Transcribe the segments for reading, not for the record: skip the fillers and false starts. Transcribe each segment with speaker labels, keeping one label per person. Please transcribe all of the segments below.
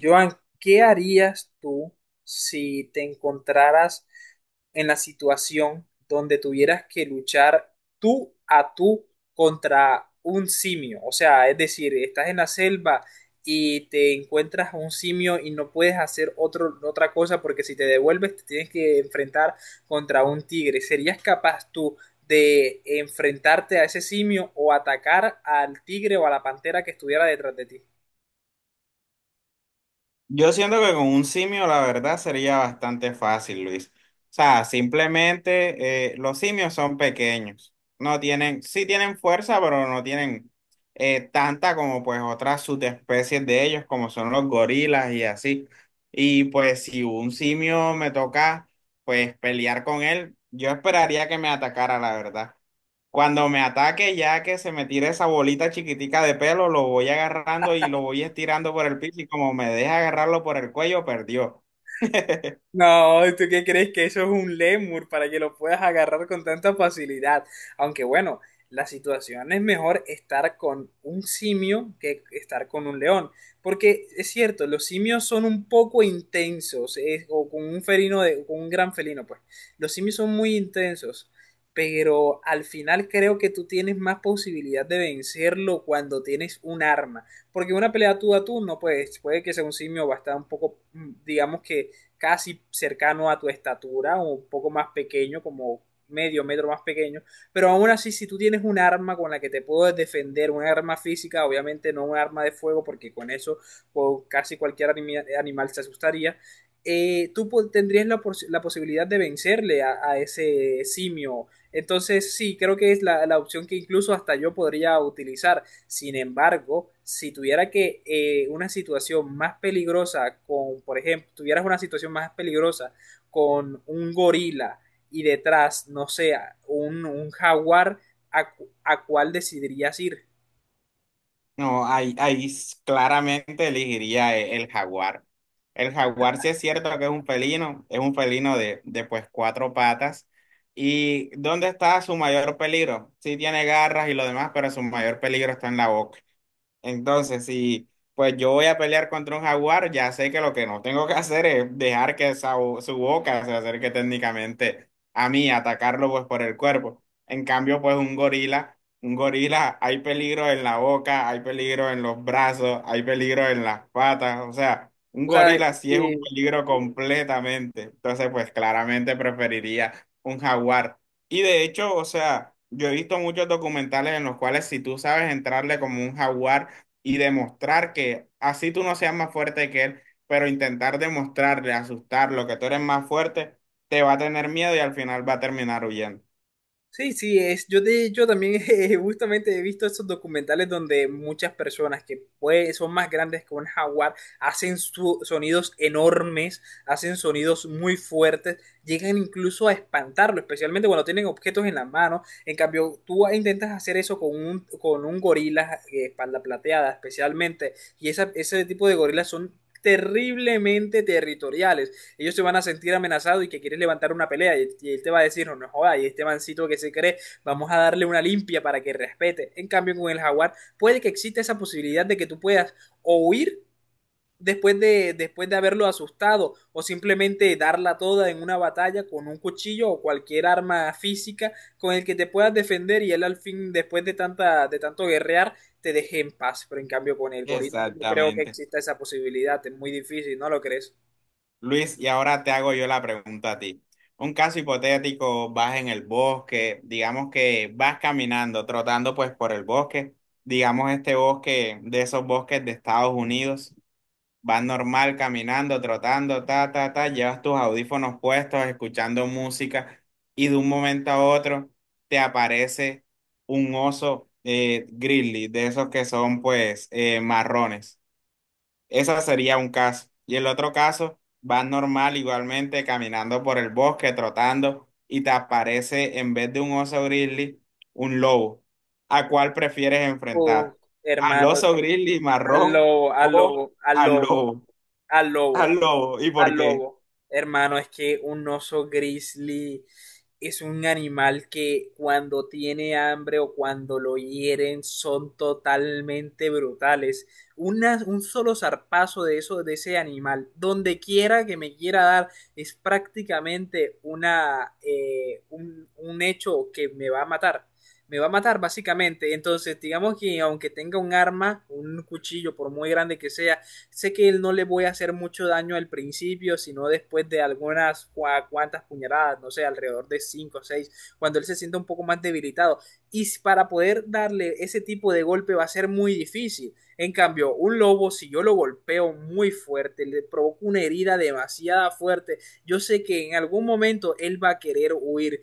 Speaker 1: Joan, ¿qué harías tú si te encontraras en la situación donde tuvieras que luchar tú a tú contra un simio? O sea, es decir, estás en la selva y te encuentras a un simio y no puedes hacer otra cosa porque si te devuelves te tienes que enfrentar contra un tigre. ¿Serías capaz tú de enfrentarte a ese simio o atacar al tigre o a la pantera que estuviera detrás de ti?
Speaker 2: Yo siento que con un simio la verdad sería bastante fácil, Luis. O sea, simplemente los simios son pequeños. No tienen, sí tienen fuerza, pero no tienen tanta como pues otras subespecies de ellos, como son los gorilas y así. Y pues si un simio me toca pues pelear con él, yo esperaría que me atacara, la verdad. Cuando me ataque, ya que se me tire esa bolita chiquitica de pelo, lo voy agarrando y lo voy estirando por el piso y como me deja agarrarlo por el cuello, perdió.
Speaker 1: No, ¿tú qué crees que eso es un lemur para que lo puedas agarrar con tanta facilidad? Aunque bueno, la situación es mejor estar con un simio que estar con un león, porque es cierto, los simios son un poco intensos, o con un con un gran felino, pues. Los simios son muy intensos, pero al final creo que tú tienes más posibilidad de vencerlo cuando tienes un arma, porque una pelea tú a tú no puedes, puede que sea un simio va a estar un poco, digamos que casi cercano a tu estatura, o un poco más pequeño, como medio metro más pequeño, pero aún así si tú tienes un arma con la que te puedes defender, un arma física, obviamente no un arma de fuego, porque con eso pues, casi cualquier animal se asustaría, tú tendrías la posibilidad de vencerle a ese simio. Entonces sí, creo que es la opción que incluso hasta yo podría utilizar. Sin embargo, si tuviera que una situación más peligrosa por ejemplo, tuvieras una situación más peligrosa con un gorila y detrás, no sé, un jaguar, ¿ a cuál decidirías ir?
Speaker 2: No, claramente elegiría el jaguar. El jaguar sí es cierto que es un felino de pues cuatro patas. ¿Y dónde está su mayor peligro? Sí tiene garras y lo demás, pero su mayor peligro está en la boca. Entonces, si pues yo voy a pelear contra un jaguar, ya sé que lo que no tengo que hacer es dejar que esa su boca se acerque técnicamente a mí, atacarlo pues por el cuerpo. En cambio, pues un gorila, hay peligro en la boca, hay peligro en los brazos, hay peligro en las patas, o sea, un
Speaker 1: O sea,
Speaker 2: gorila sí es un peligro completamente. Entonces, pues claramente preferiría un jaguar. Y de hecho, o sea, yo he visto muchos documentales en los cuales si tú sabes entrarle como un jaguar, y demostrar que así tú no seas más fuerte que él, pero intentar demostrarle, asustarlo, que tú eres más fuerte, te va a tener miedo y al final va a terminar huyendo.
Speaker 1: sí, es, yo de hecho también justamente he visto esos documentales donde muchas personas que pues, son más grandes que un jaguar hacen sonidos enormes, hacen sonidos muy fuertes, llegan incluso a espantarlo, especialmente cuando tienen objetos en la mano. En cambio, tú intentas hacer eso con con un gorila, espalda plateada especialmente, y ese tipo de gorilas son terriblemente territoriales, ellos se van a sentir amenazados y que quieres levantar una pelea, y él te va a decir, no, no joda, y este mancito que se cree, vamos a darle una limpia para que respete. En cambio, con el jaguar puede que exista esa posibilidad de que tú puedas o huir después de haberlo asustado o simplemente darla toda en una batalla con un cuchillo o cualquier arma física con el que te puedas defender y él al fin después de tanta de tanto guerrear te deje en paz, pero en cambio con el gorila no creo que
Speaker 2: Exactamente.
Speaker 1: exista esa posibilidad, es muy difícil, ¿no lo crees?
Speaker 2: Luis, y ahora te hago yo la pregunta a ti. Un caso hipotético, vas en el bosque, digamos que vas caminando, trotando pues por el bosque, digamos este bosque de esos bosques de Estados Unidos. Vas normal caminando, trotando, ta, ta, ta, llevas tus audífonos puestos, escuchando música y de un momento a otro te aparece un oso grizzly, de esos que son pues marrones. Ese sería un caso. Y el otro caso, vas normal igualmente caminando por el bosque, trotando y te aparece en vez de un oso grizzly, un lobo. ¿A cuál prefieres enfrentar?
Speaker 1: Oh,
Speaker 2: ¿Al
Speaker 1: hermano.
Speaker 2: oso grizzly
Speaker 1: Al
Speaker 2: marrón
Speaker 1: lobo,
Speaker 2: o
Speaker 1: al
Speaker 2: al
Speaker 1: lobo,
Speaker 2: lobo?
Speaker 1: al
Speaker 2: Al
Speaker 1: lobo,
Speaker 2: lobo. ¿Y
Speaker 1: al
Speaker 2: por qué?
Speaker 1: lobo. Hermano, es que un oso grizzly es un animal que cuando tiene hambre o cuando lo hieren son totalmente brutales. Un solo zarpazo de eso, de ese animal, donde quiera que me quiera dar, es prácticamente un hecho que me va a matar. Me va a matar básicamente. Entonces, digamos que aunque tenga un arma, un cuchillo, por muy grande que sea, sé que él no le voy a hacer mucho daño al principio, sino después de algunas cuantas puñaladas, no sé, alrededor de 5 o 6, cuando él se sienta un poco más debilitado. Y para poder darle ese tipo de golpe va a ser muy difícil. En cambio, un lobo, si yo lo golpeo muy fuerte, le provoco una herida demasiada fuerte, yo sé que en algún momento él va a querer huir.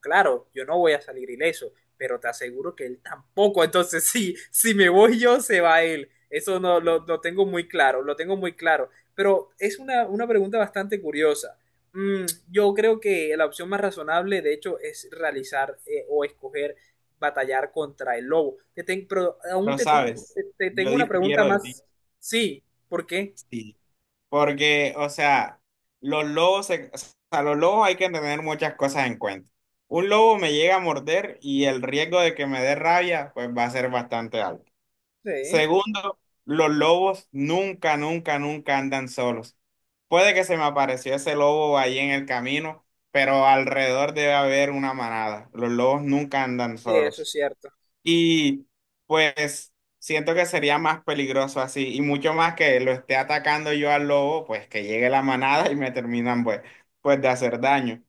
Speaker 1: Claro, yo no voy a salir ileso, pero te aseguro que él tampoco. Entonces, sí, si me voy yo, se va él. Eso no lo tengo muy claro, lo tengo muy claro. Pero es una pregunta bastante curiosa. Mm, yo creo que la opción más razonable, de hecho, es realizar o escoger batallar contra el lobo. Pero aún
Speaker 2: No
Speaker 1: te tengo,
Speaker 2: sabes.
Speaker 1: te, te
Speaker 2: Yo
Speaker 1: tengo una pregunta
Speaker 2: difiero de ti.
Speaker 1: más. Sí, ¿por qué?
Speaker 2: Sí. Porque, o sea, los lobos, se- o los lobos hay que tener muchas cosas en cuenta. Un lobo me llega a morder y el riesgo de que me dé rabia, pues va a ser bastante alto.
Speaker 1: Sí,
Speaker 2: Segundo, los lobos nunca, nunca, nunca andan solos. Puede que se me apareció ese lobo ahí en el camino, pero alrededor debe haber una manada. Los lobos nunca andan
Speaker 1: sí, eso
Speaker 2: solos.
Speaker 1: es cierto.
Speaker 2: Y pues siento que sería más peligroso así, y mucho más que lo esté atacando yo al lobo, pues que llegue la manada y me terminan pues de hacer daño.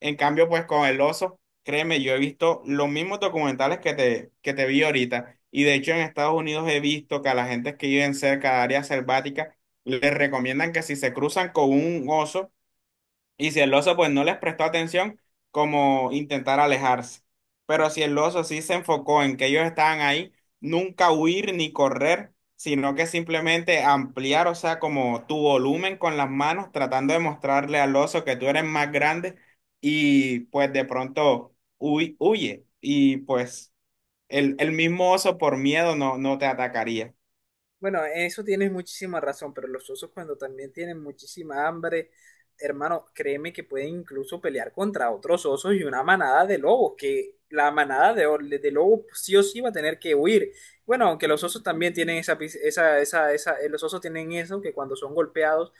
Speaker 2: En cambio, pues con el oso, créeme, yo he visto los mismos documentales que te vi ahorita, y de hecho en Estados Unidos he visto que a la gente que viven cerca de áreas selváticas les recomiendan que si se cruzan con un oso, y si el oso pues no les prestó atención, como intentar alejarse. Pero si el oso sí se enfocó en que ellos estaban ahí, nunca huir ni correr, sino que simplemente ampliar, o sea, como tu volumen con las manos, tratando de mostrarle al oso que tú eres más grande y pues de pronto huye. Y pues el mismo oso por miedo no te atacaría.
Speaker 1: Bueno, eso tienes muchísima razón, pero los osos cuando también tienen muchísima hambre, hermano, créeme que pueden incluso pelear contra otros osos y una manada de lobos, que la manada de lobos sí o sí va a tener que huir. Bueno, aunque los osos también tienen esa, pis- esa, los osos tienen eso, que cuando son golpeados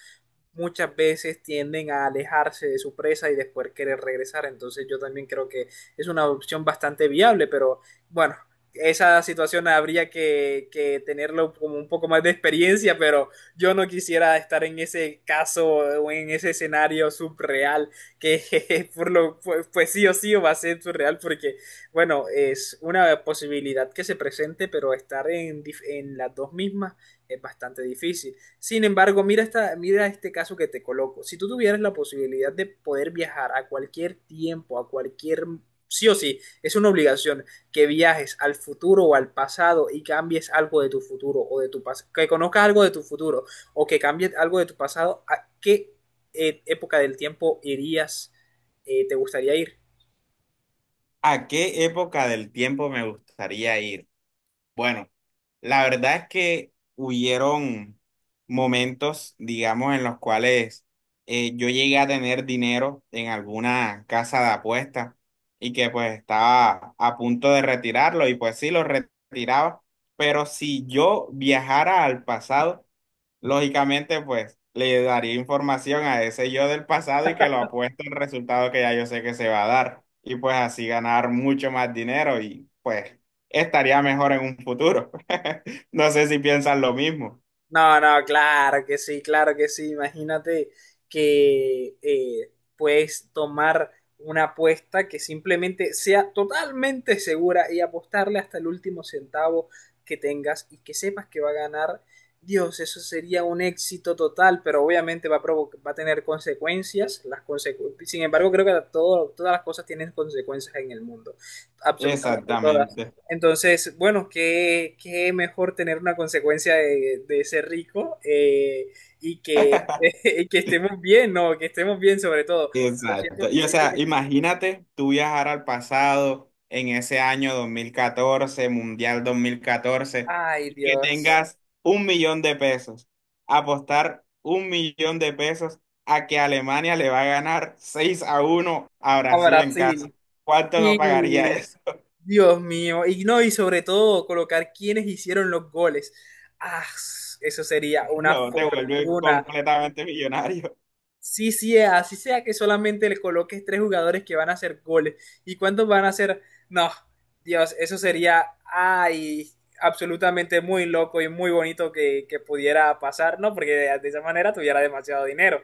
Speaker 1: muchas veces tienden a alejarse de su presa y después querer regresar. Entonces yo también creo que es una opción bastante viable, pero bueno, esa situación habría que tenerlo como un poco más de experiencia, pero yo no quisiera estar en ese caso o en ese escenario subreal que por lo pues, pues sí o sí va a ser subreal porque bueno, es una posibilidad que se presente, pero estar en las dos mismas es bastante difícil. Sin embargo, mira, mira este caso que te coloco. Si tú tuvieras la posibilidad de poder viajar a cualquier tiempo, a cualquier... Sí o sí, es una obligación que viajes al futuro o al pasado y cambies algo de tu futuro o de tu pasado, que conozcas algo de tu futuro o que cambies algo de tu pasado, ¿a qué época del tiempo irías, te gustaría ir?
Speaker 2: ¿A qué época del tiempo me gustaría ir? Bueno, la verdad es que hubieron momentos, digamos, en los cuales yo llegué a tener dinero en alguna casa de apuestas y que pues estaba a punto de retirarlo y pues sí, lo retiraba, pero si yo viajara al pasado, lógicamente, pues le daría información a ese yo del pasado y que lo apuesto el resultado que ya yo sé que se va a dar. Y pues así ganar mucho más dinero y pues estaría mejor en un futuro. No sé si piensan lo mismo.
Speaker 1: No, no, claro que sí, claro que sí. Imagínate que puedes tomar una apuesta que simplemente sea totalmente segura y apostarle hasta el último centavo que tengas y que sepas que va a ganar. Dios, eso sería un éxito total, pero obviamente va a provocar, va a tener consecuencias. Sin embargo, creo que todas las cosas tienen consecuencias en el mundo. Absolutamente todas.
Speaker 2: Exactamente.
Speaker 1: Entonces, bueno, qué mejor tener una consecuencia de ser rico, y y que estemos bien, ¿no? Que estemos bien sobre todo. Pero
Speaker 2: Exacto.
Speaker 1: siento,
Speaker 2: Y o
Speaker 1: siento
Speaker 2: sea,
Speaker 1: que,
Speaker 2: imagínate tú viajar al pasado en ese año 2014, Mundial 2014,
Speaker 1: ay
Speaker 2: y que
Speaker 1: Dios,
Speaker 2: tengas 1.000.000 de pesos. Apostar 1.000.000 de pesos a que Alemania le va a ganar 6-1 a
Speaker 1: a
Speaker 2: Brasil en casa.
Speaker 1: Brasil.
Speaker 2: ¿Cuánto no pagaría
Speaker 1: Y
Speaker 2: eso?
Speaker 1: Dios mío, y no, y sobre todo colocar quienes hicieron los goles. Ah, eso sería una
Speaker 2: No, te vuelve
Speaker 1: fortuna.
Speaker 2: completamente millonario.
Speaker 1: Sí, sí, es, así sea que solamente le coloques tres jugadores que van a hacer goles. ¿Y cuántos van a hacer? No, Dios, eso sería, ay, absolutamente muy loco y muy bonito que pudiera pasar, ¿no? Porque de esa manera tuviera demasiado dinero.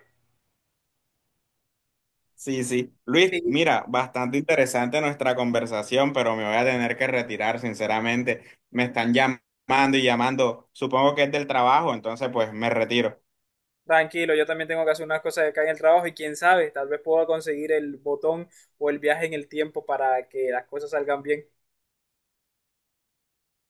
Speaker 2: Sí, sí. Luis,
Speaker 1: Sí,
Speaker 2: mira, bastante interesante nuestra conversación, pero me voy a tener que retirar, sinceramente. Me están llamando y llamando. Supongo que es del trabajo, entonces pues me retiro.
Speaker 1: tranquilo, yo también tengo que hacer unas cosas acá en el trabajo y quién sabe, tal vez pueda conseguir el botón o el viaje en el tiempo para que las cosas salgan bien.